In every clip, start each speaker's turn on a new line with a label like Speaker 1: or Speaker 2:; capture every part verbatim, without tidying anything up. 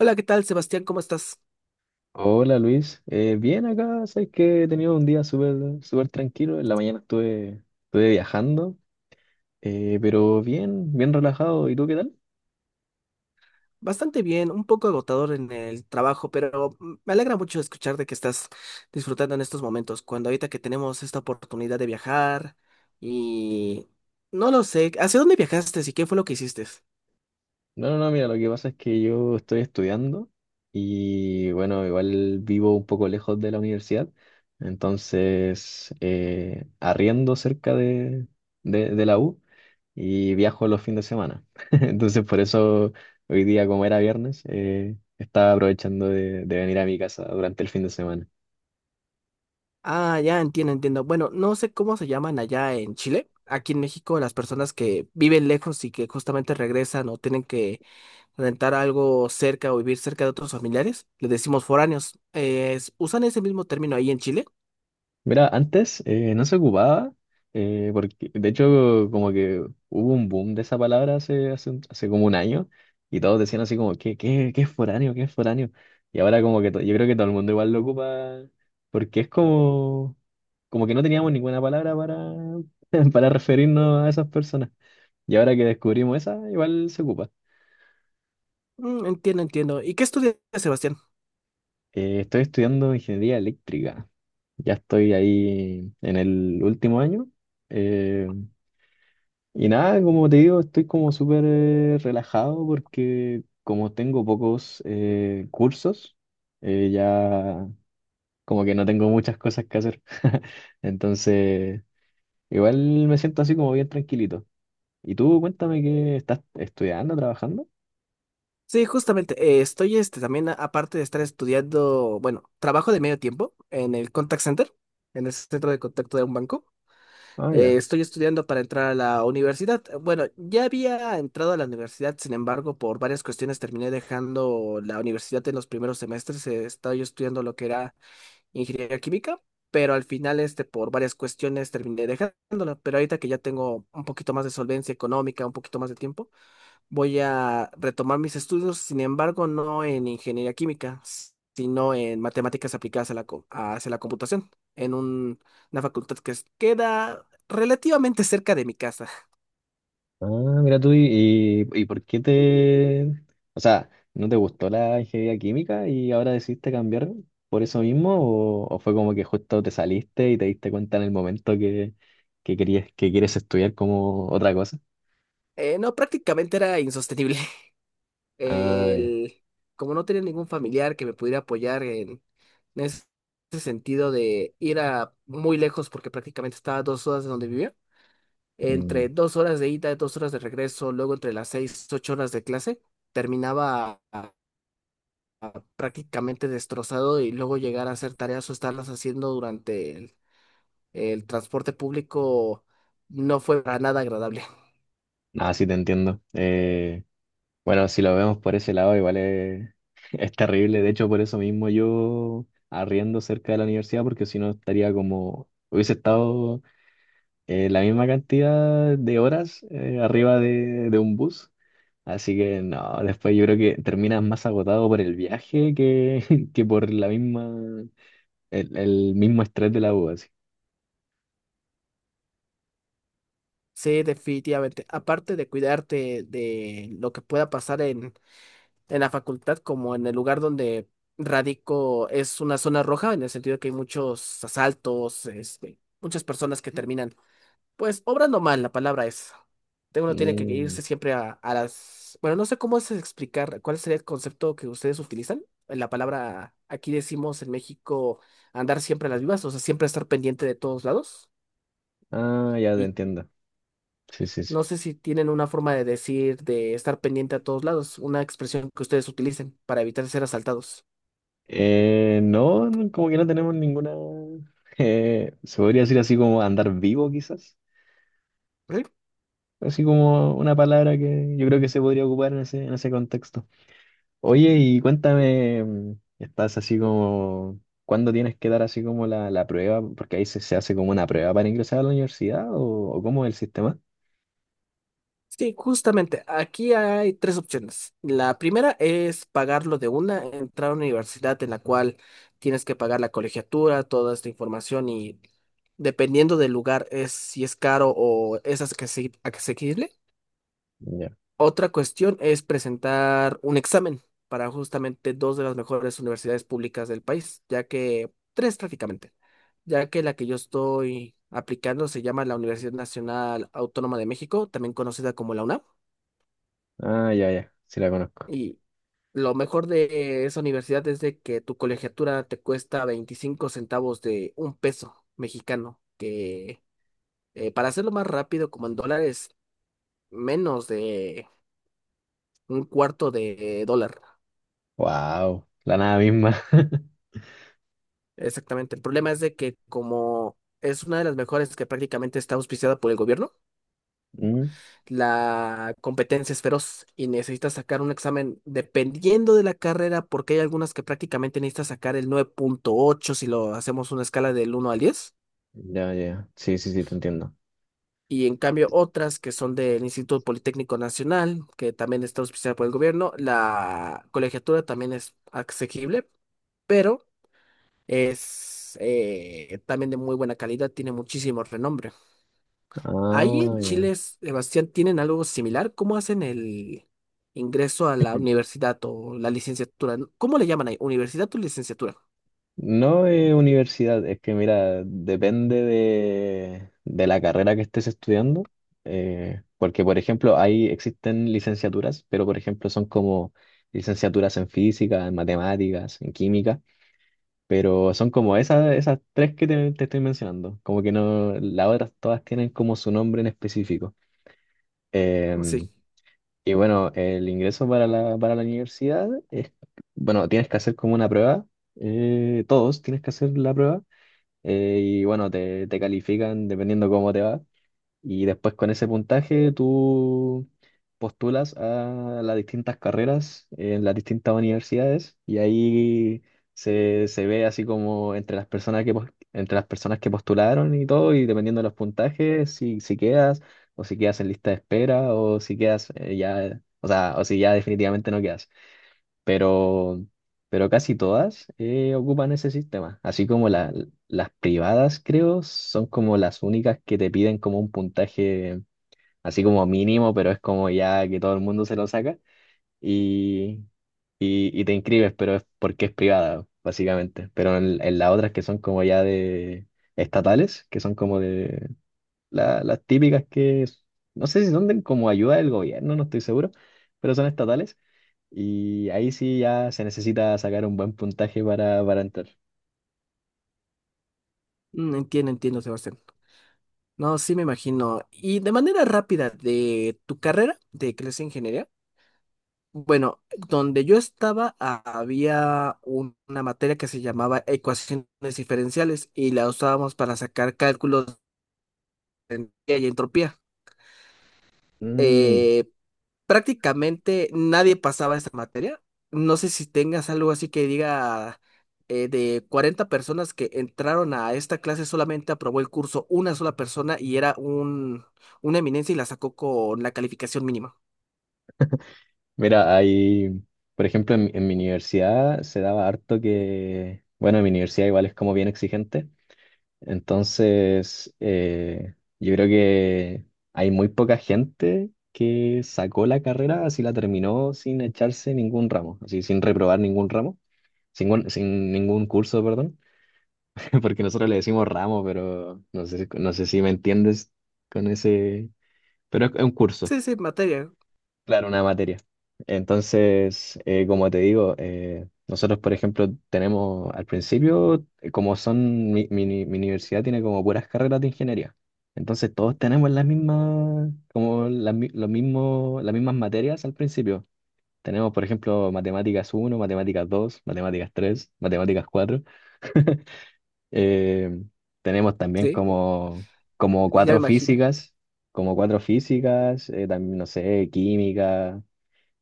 Speaker 1: Hola, ¿qué tal, Sebastián? ¿Cómo estás?
Speaker 2: Hola Luis, Eh, bien acá. Sabes que he tenido un día súper súper tranquilo. En la mañana estuve, estuve viajando, eh, pero bien, bien relajado. ¿Y tú qué tal?
Speaker 1: Bastante bien, un poco agotador en el trabajo, pero mm, me alegra mucho escuchar de que estás disfrutando en estos momentos, cuando ahorita que tenemos esta oportunidad de viajar y no lo sé, ¿hacia dónde viajaste y qué fue lo que hiciste?
Speaker 2: No, no, no, mira, lo que pasa es que yo estoy estudiando, y bueno, igual vivo un poco lejos de la universidad. Entonces eh, arriendo cerca de, de, de la U y viajo los fines de semana. Entonces por eso hoy día como era viernes, eh, estaba aprovechando de de venir a mi casa durante el fin de semana.
Speaker 1: Ah, ya entiendo, entiendo. Bueno, no sé cómo se llaman allá en Chile. Aquí en México, las personas que viven lejos y que justamente regresan o tienen que rentar algo cerca o vivir cerca de otros familiares, le decimos foráneos. Eh, ¿usan ese mismo término ahí en Chile?
Speaker 2: Mira, antes eh, no se ocupaba, eh, porque de hecho como que hubo un boom de esa palabra hace, hace, un- hace como un año, y todos decían así como, ¿qué, qué, qué es foráneo? ¿Qué es foráneo? Y ahora como que to- yo creo que todo el mundo igual lo ocupa, porque es como, como que no teníamos ninguna palabra para, para referirnos a esas personas. Y ahora que descubrimos esa, igual se ocupa.
Speaker 1: Mm, entiendo, entiendo. ¿Y qué estudias, Sebastián?
Speaker 2: Eh, estoy estudiando ingeniería eléctrica. Ya estoy ahí en el último año. eh, Y nada, como te digo, estoy como súper eh, relajado porque como tengo pocos eh, cursos, eh, ya como que no tengo muchas cosas que hacer. Entonces, igual me siento así como bien tranquilito. ¿Y tú cuéntame qué estás estudiando, trabajando?
Speaker 1: Sí, justamente, eh, estoy este, también, a- aparte de estar estudiando, bueno, trabajo de medio tiempo en el contact center, en el centro de contacto de un banco.
Speaker 2: Ah, ya.
Speaker 1: Eh, estoy estudiando para entrar a la universidad. Bueno, ya había entrado a la universidad, sin embargo, por varias cuestiones terminé dejando la universidad en los primeros semestres. Eh, estaba yo estudiando lo que era ingeniería química, pero al final, este, por varias cuestiones terminé dejándola. Pero ahorita que ya tengo un poquito más de solvencia económica, un poquito más de tiempo. Voy a retomar mis estudios, sin embargo, no en ingeniería química, s- sino en matemáticas aplicadas a la, co- hacia la computación, en un- una facultad que es- queda relativamente cerca de mi casa.
Speaker 2: Ah, mira tú, y, y, y por qué te... O sea, ¿no te gustó la ingeniería química y ahora decidiste cambiar por eso mismo? ¿O, o fue como que justo te saliste y te diste cuenta en el momento que, que querías, que quieres estudiar como otra cosa?
Speaker 1: Eh, no, prácticamente era insostenible.
Speaker 2: Ah, ya.
Speaker 1: El- Como no tenía ningún familiar que me pudiera apoyar en, en ese sentido de ir a muy lejos, porque prácticamente estaba a dos horas de donde vivía.
Speaker 2: Mm.
Speaker 1: Entre dos horas de ida, dos horas de regreso, luego entre las seis, ocho horas de clase, terminaba a- a- prácticamente destrozado y luego llegar a hacer tareas o estarlas haciendo durante el, el transporte público no fue para nada agradable.
Speaker 2: Ah, sí, te entiendo. Eh, bueno, si lo vemos por ese lado, igual es, es terrible. De hecho, por eso mismo yo arriendo cerca de la universidad, porque si no estaría como... Hubiese estado eh, la misma cantidad de horas eh, arriba de, de un bus. Así que no, después yo creo que terminas más agotado por el viaje que, que por la misma, el, el mismo estrés de la U, así.
Speaker 1: Sí, definitivamente. Aparte de cuidarte de lo que pueda pasar en, en la facultad, como en el lugar donde radico es una zona roja, en el sentido que hay muchos asaltos, este, muchas personas que terminan pues obrando mal, la palabra es. Te- Uno tiene que
Speaker 2: Mm.
Speaker 1: irse siempre a, a las... Bueno, no sé cómo es explicar cuál sería el concepto que ustedes utilizan. La palabra, aquí decimos en México, andar siempre a las vivas, o sea, siempre estar pendiente de todos lados.
Speaker 2: Ah, ya te
Speaker 1: Y
Speaker 2: entiendo. Sí, sí, sí.
Speaker 1: no sé si tienen una forma de decir de estar pendiente a todos lados, una expresión que ustedes utilicen para evitar ser asaltados.
Speaker 2: Eh, no, no, como que no tenemos ninguna, eh, se podría decir así como andar vivo quizás. Así como una palabra que yo creo que se podría ocupar en ese, en ese, contexto. Oye, y cuéntame, mm, estás así como, ¿cuándo tienes que dar así como la, la prueba? Porque ahí se, se hace como una prueba para ingresar a la universidad, o, o cómo es el sistema.
Speaker 1: Sí, justamente, aquí hay tres opciones. La primera es pagarlo de una, entrar a una universidad en la cual tienes que pagar la colegiatura, toda esta información y dependiendo del lugar es si es caro o es asequi- asequible.
Speaker 2: Ya.
Speaker 1: Otra cuestión es presentar un examen para justamente dos de las mejores universidades públicas del país, ya que tres prácticamente, ya que la que yo estoy aplicando se llama la Universidad Nacional Autónoma de México, también conocida como la UNAM.
Speaker 2: Ah, ya, ya, sí la conozco.
Speaker 1: Lo mejor de esa universidad es de que tu colegiatura te cuesta veinticinco centavos de un peso mexicano, que eh, para hacerlo más rápido, como en dólares, menos de un cuarto de dólar.
Speaker 2: Wow, la nada misma.
Speaker 1: Exactamente. El problema es de que como es una de las mejores que prácticamente está auspiciada por el gobierno,
Speaker 2: Mm.
Speaker 1: la competencia es feroz y necesitas sacar un examen dependiendo de la carrera, porque hay algunas que prácticamente necesitas sacar el nueve punto ocho si lo hacemos una escala del uno al diez.
Speaker 2: Ya, ya, sí, sí, sí, te entiendo.
Speaker 1: Y en cambio otras que son del Instituto Politécnico Nacional, que también está auspiciada por el gobierno, la colegiatura también es asequible, pero es eh, también de muy buena calidad, tiene muchísimo renombre. Ahí
Speaker 2: Ah,
Speaker 1: en
Speaker 2: ya.
Speaker 1: Chile, Sebastián, ¿tienen algo similar? ¿Cómo hacen el ingreso a la universidad o la licenciatura? ¿Cómo le llaman ahí? ¿Universidad o licenciatura?
Speaker 2: No es universidad, es que mira, depende de, de la carrera que estés estudiando, eh, porque por ejemplo ahí existen licenciaturas, pero por ejemplo son como licenciaturas en física, en matemáticas, en química, pero son como esas, esas tres que te, te estoy mencionando, como que no, las otras todas tienen como su nombre en específico.
Speaker 1: Sí.
Speaker 2: Em, y bueno, el ingreso para la, para la universidad es, bueno, tienes que hacer como una prueba, eh, todos tienes que hacer la prueba, eh, y bueno, te, te califican dependiendo cómo te va. Y después con ese puntaje tú postulas a las distintas carreras en las distintas universidades, y ahí se, se ve así como entre las personas que, pos- entre las personas que postularon y todo, y dependiendo de los puntajes, si, si quedas, o si quedas en lista de espera, o si quedas eh, ya, o sea, o si ya definitivamente no quedas, pero, pero, casi todas eh, ocupan ese sistema. Así como la- las privadas, creo, son como las únicas que te piden como un puntaje así como mínimo, pero es como ya que todo el mundo se lo saca, y, y, y te inscribes, pero es porque es privada, básicamente. Pero en, en las otras que son como ya de estatales, que son como de la- las típicas que, no sé si son de como ayuda del gobierno, no estoy seguro, pero son estatales, y ahí sí ya se necesita sacar un buen puntaje para, para entrar.
Speaker 1: Mm, Entiendo, entiendo, Sebastián. No, sí me imagino. Y de manera rápida, de tu carrera de clase de ingeniería, bueno, donde yo estaba ha- había un- una materia que se llamaba ecuaciones diferenciales y la usábamos para sacar cálculos de entropía y entropía.
Speaker 2: Mm.
Speaker 1: Eh, Prácticamente nadie pasaba esta materia. No sé si tengas algo así que diga eh, de cuarenta personas que entraron a esta clase solamente aprobó el curso una sola persona y era un, una eminencia y la sacó con la calificación mínima.
Speaker 2: Mira, hay, por ejemplo, en, en mi universidad se daba harto que, bueno, en mi universidad igual es como bien exigente, entonces eh, yo creo que hay muy poca gente que sacó la carrera, así la terminó sin echarse ningún ramo, así sin reprobar ningún ramo, sin, sin ningún curso, perdón. Porque nosotros le decimos ramo, pero no sé, si- no sé si me entiendes con ese, pero es es un curso,
Speaker 1: Sí, sí, materia.
Speaker 2: claro, una materia. Entonces, eh, como te digo, eh, nosotros, por ejemplo, tenemos al principio, eh, como son, mi, mi uni- mi universidad tiene como puras carreras de ingeniería. Entonces, todos tenemos las mismas, como las, mi- los mismos, las mismas materias al principio. Tenemos, por ejemplo, matemáticas uno, matemáticas dos, matemáticas tres, matemáticas cuatro. Eh, Tenemos también
Speaker 1: Sí,
Speaker 2: como, como
Speaker 1: ya me
Speaker 2: cuatro
Speaker 1: imagino.
Speaker 2: físicas, como cuatro físicas, eh, también, no sé, química.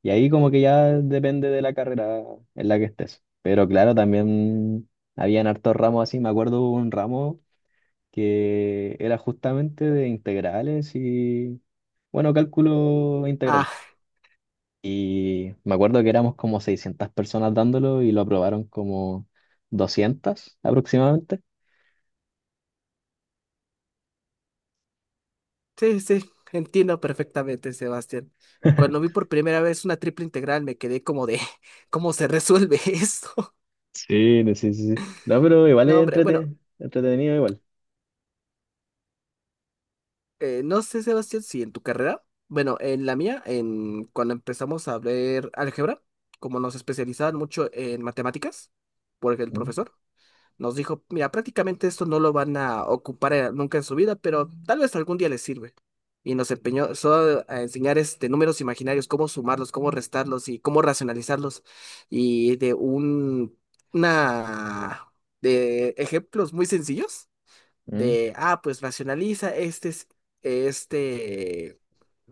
Speaker 2: Y ahí como que ya depende de la carrera en la que estés. Pero claro, también habían hartos ramos así, me acuerdo hubo un ramo que era justamente de integrales y, bueno, cálculo integral.
Speaker 1: Ah,
Speaker 2: Y me acuerdo que éramos como seiscientas personas dándolo y lo aprobaron como doscientas aproximadamente.
Speaker 1: sí, sí, entiendo perfectamente, Sebastián. Cuando vi por primera vez una triple integral me quedé como de, ¿cómo se resuelve esto?
Speaker 2: Sí, no, sí, sí, sí. No, pero igual
Speaker 1: No,
Speaker 2: es
Speaker 1: hombre, bueno,
Speaker 2: entrete- entretenido igual.
Speaker 1: eh, no sé, Sebastián, si en tu carrera, bueno, en la mía, en cuando empezamos a ver álgebra, como nos especializaban mucho en matemáticas, porque el
Speaker 2: Mm,
Speaker 1: profesor, nos dijo, mira, prácticamente esto no lo van a ocupar eh, nunca en su vida, pero tal vez algún día les sirve. Y nos empeñó solo a enseñar este, números imaginarios, cómo sumarlos, cómo restarlos y cómo racionalizarlos. Y de un, una, de ejemplos muy sencillos
Speaker 2: mm.
Speaker 1: de, ah, pues racionaliza este, es- este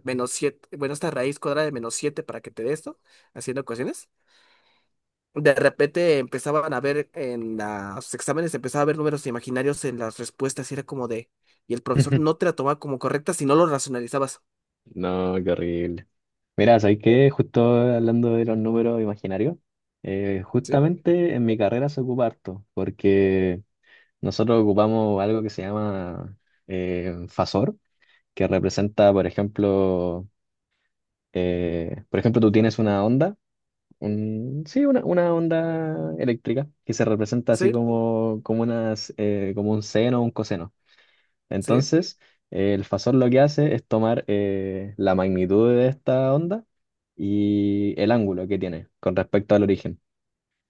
Speaker 1: menos siete, bueno, esta raíz cuadrada de menos siete para que te dé esto, haciendo ecuaciones. De repente empezaban a ver en los exámenes, empezaba a ver números imaginarios en las respuestas y era como de, y el profesor no te la tomaba como correcta si no lo racionalizabas.
Speaker 2: No, qué horrible. Mira, ¿sabes qué? Justo hablando de los números imaginarios, eh,
Speaker 1: Sí,
Speaker 2: justamente en mi carrera se ocupa harto, porque nosotros ocupamos algo que se llama eh, fasor, que representa, por ejemplo, eh, por ejemplo, tú tienes una onda, un- sí, una, una onda eléctrica, que se representa así
Speaker 1: sí,
Speaker 2: como, como, unas, eh, como un seno o un coseno.
Speaker 1: sí,
Speaker 2: Entonces, eh, el fasor lo que hace es tomar eh, la magnitud de esta onda y el ángulo que tiene con respecto al origen.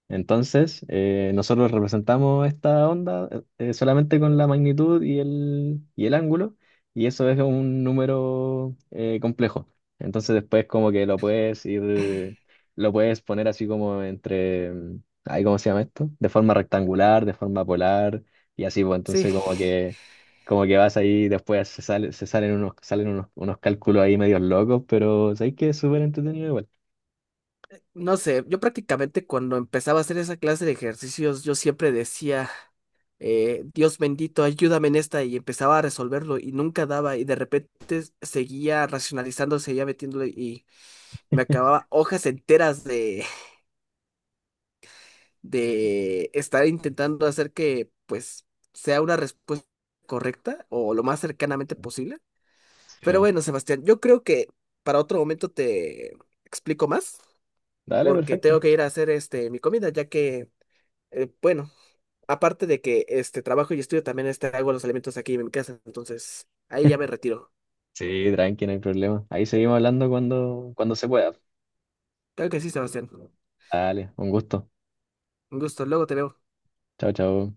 Speaker 2: Entonces, eh, nosotros representamos esta onda eh, eh, solamente con la magnitud y el, y el ángulo, y eso es un número eh, complejo. Entonces después como que lo puedes ir, lo puedes poner así como entre, mm, ay, ¿cómo se llama esto? De forma rectangular, de forma polar, y así, pues
Speaker 1: sí.
Speaker 2: entonces como que, como que vas ahí, después se sale, se salen unos, salen unos, unos cálculos ahí medios locos, pero sabéis que es súper entretenido igual.
Speaker 1: No sé, yo prácticamente cuando empezaba a hacer esa clase de ejercicios, yo siempre decía, eh, Dios bendito, ayúdame en esta y empezaba a resolverlo y nunca daba y de repente seguía racionalizando, seguía metiéndole y me acababa hojas enteras de estar intentando hacer que, pues, sea una respuesta correcta o lo más cercanamente posible. Pero
Speaker 2: Sí.
Speaker 1: bueno, Sebastián, yo creo que para otro momento te explico más,
Speaker 2: Dale,
Speaker 1: porque
Speaker 2: perfecto.
Speaker 1: tengo que ir a hacer este mi comida, ya que, eh, bueno, aparte de que este trabajo y estudio, también este, hago los alimentos aquí en mi casa, entonces ahí ya me retiro.
Speaker 2: Sí, tranqui, no hay problema. Ahí seguimos hablando cuando, cuando se pueda.
Speaker 1: Claro que sí, Sebastián.
Speaker 2: Dale, un gusto.
Speaker 1: Un gusto, luego te veo.
Speaker 2: Chao, chao.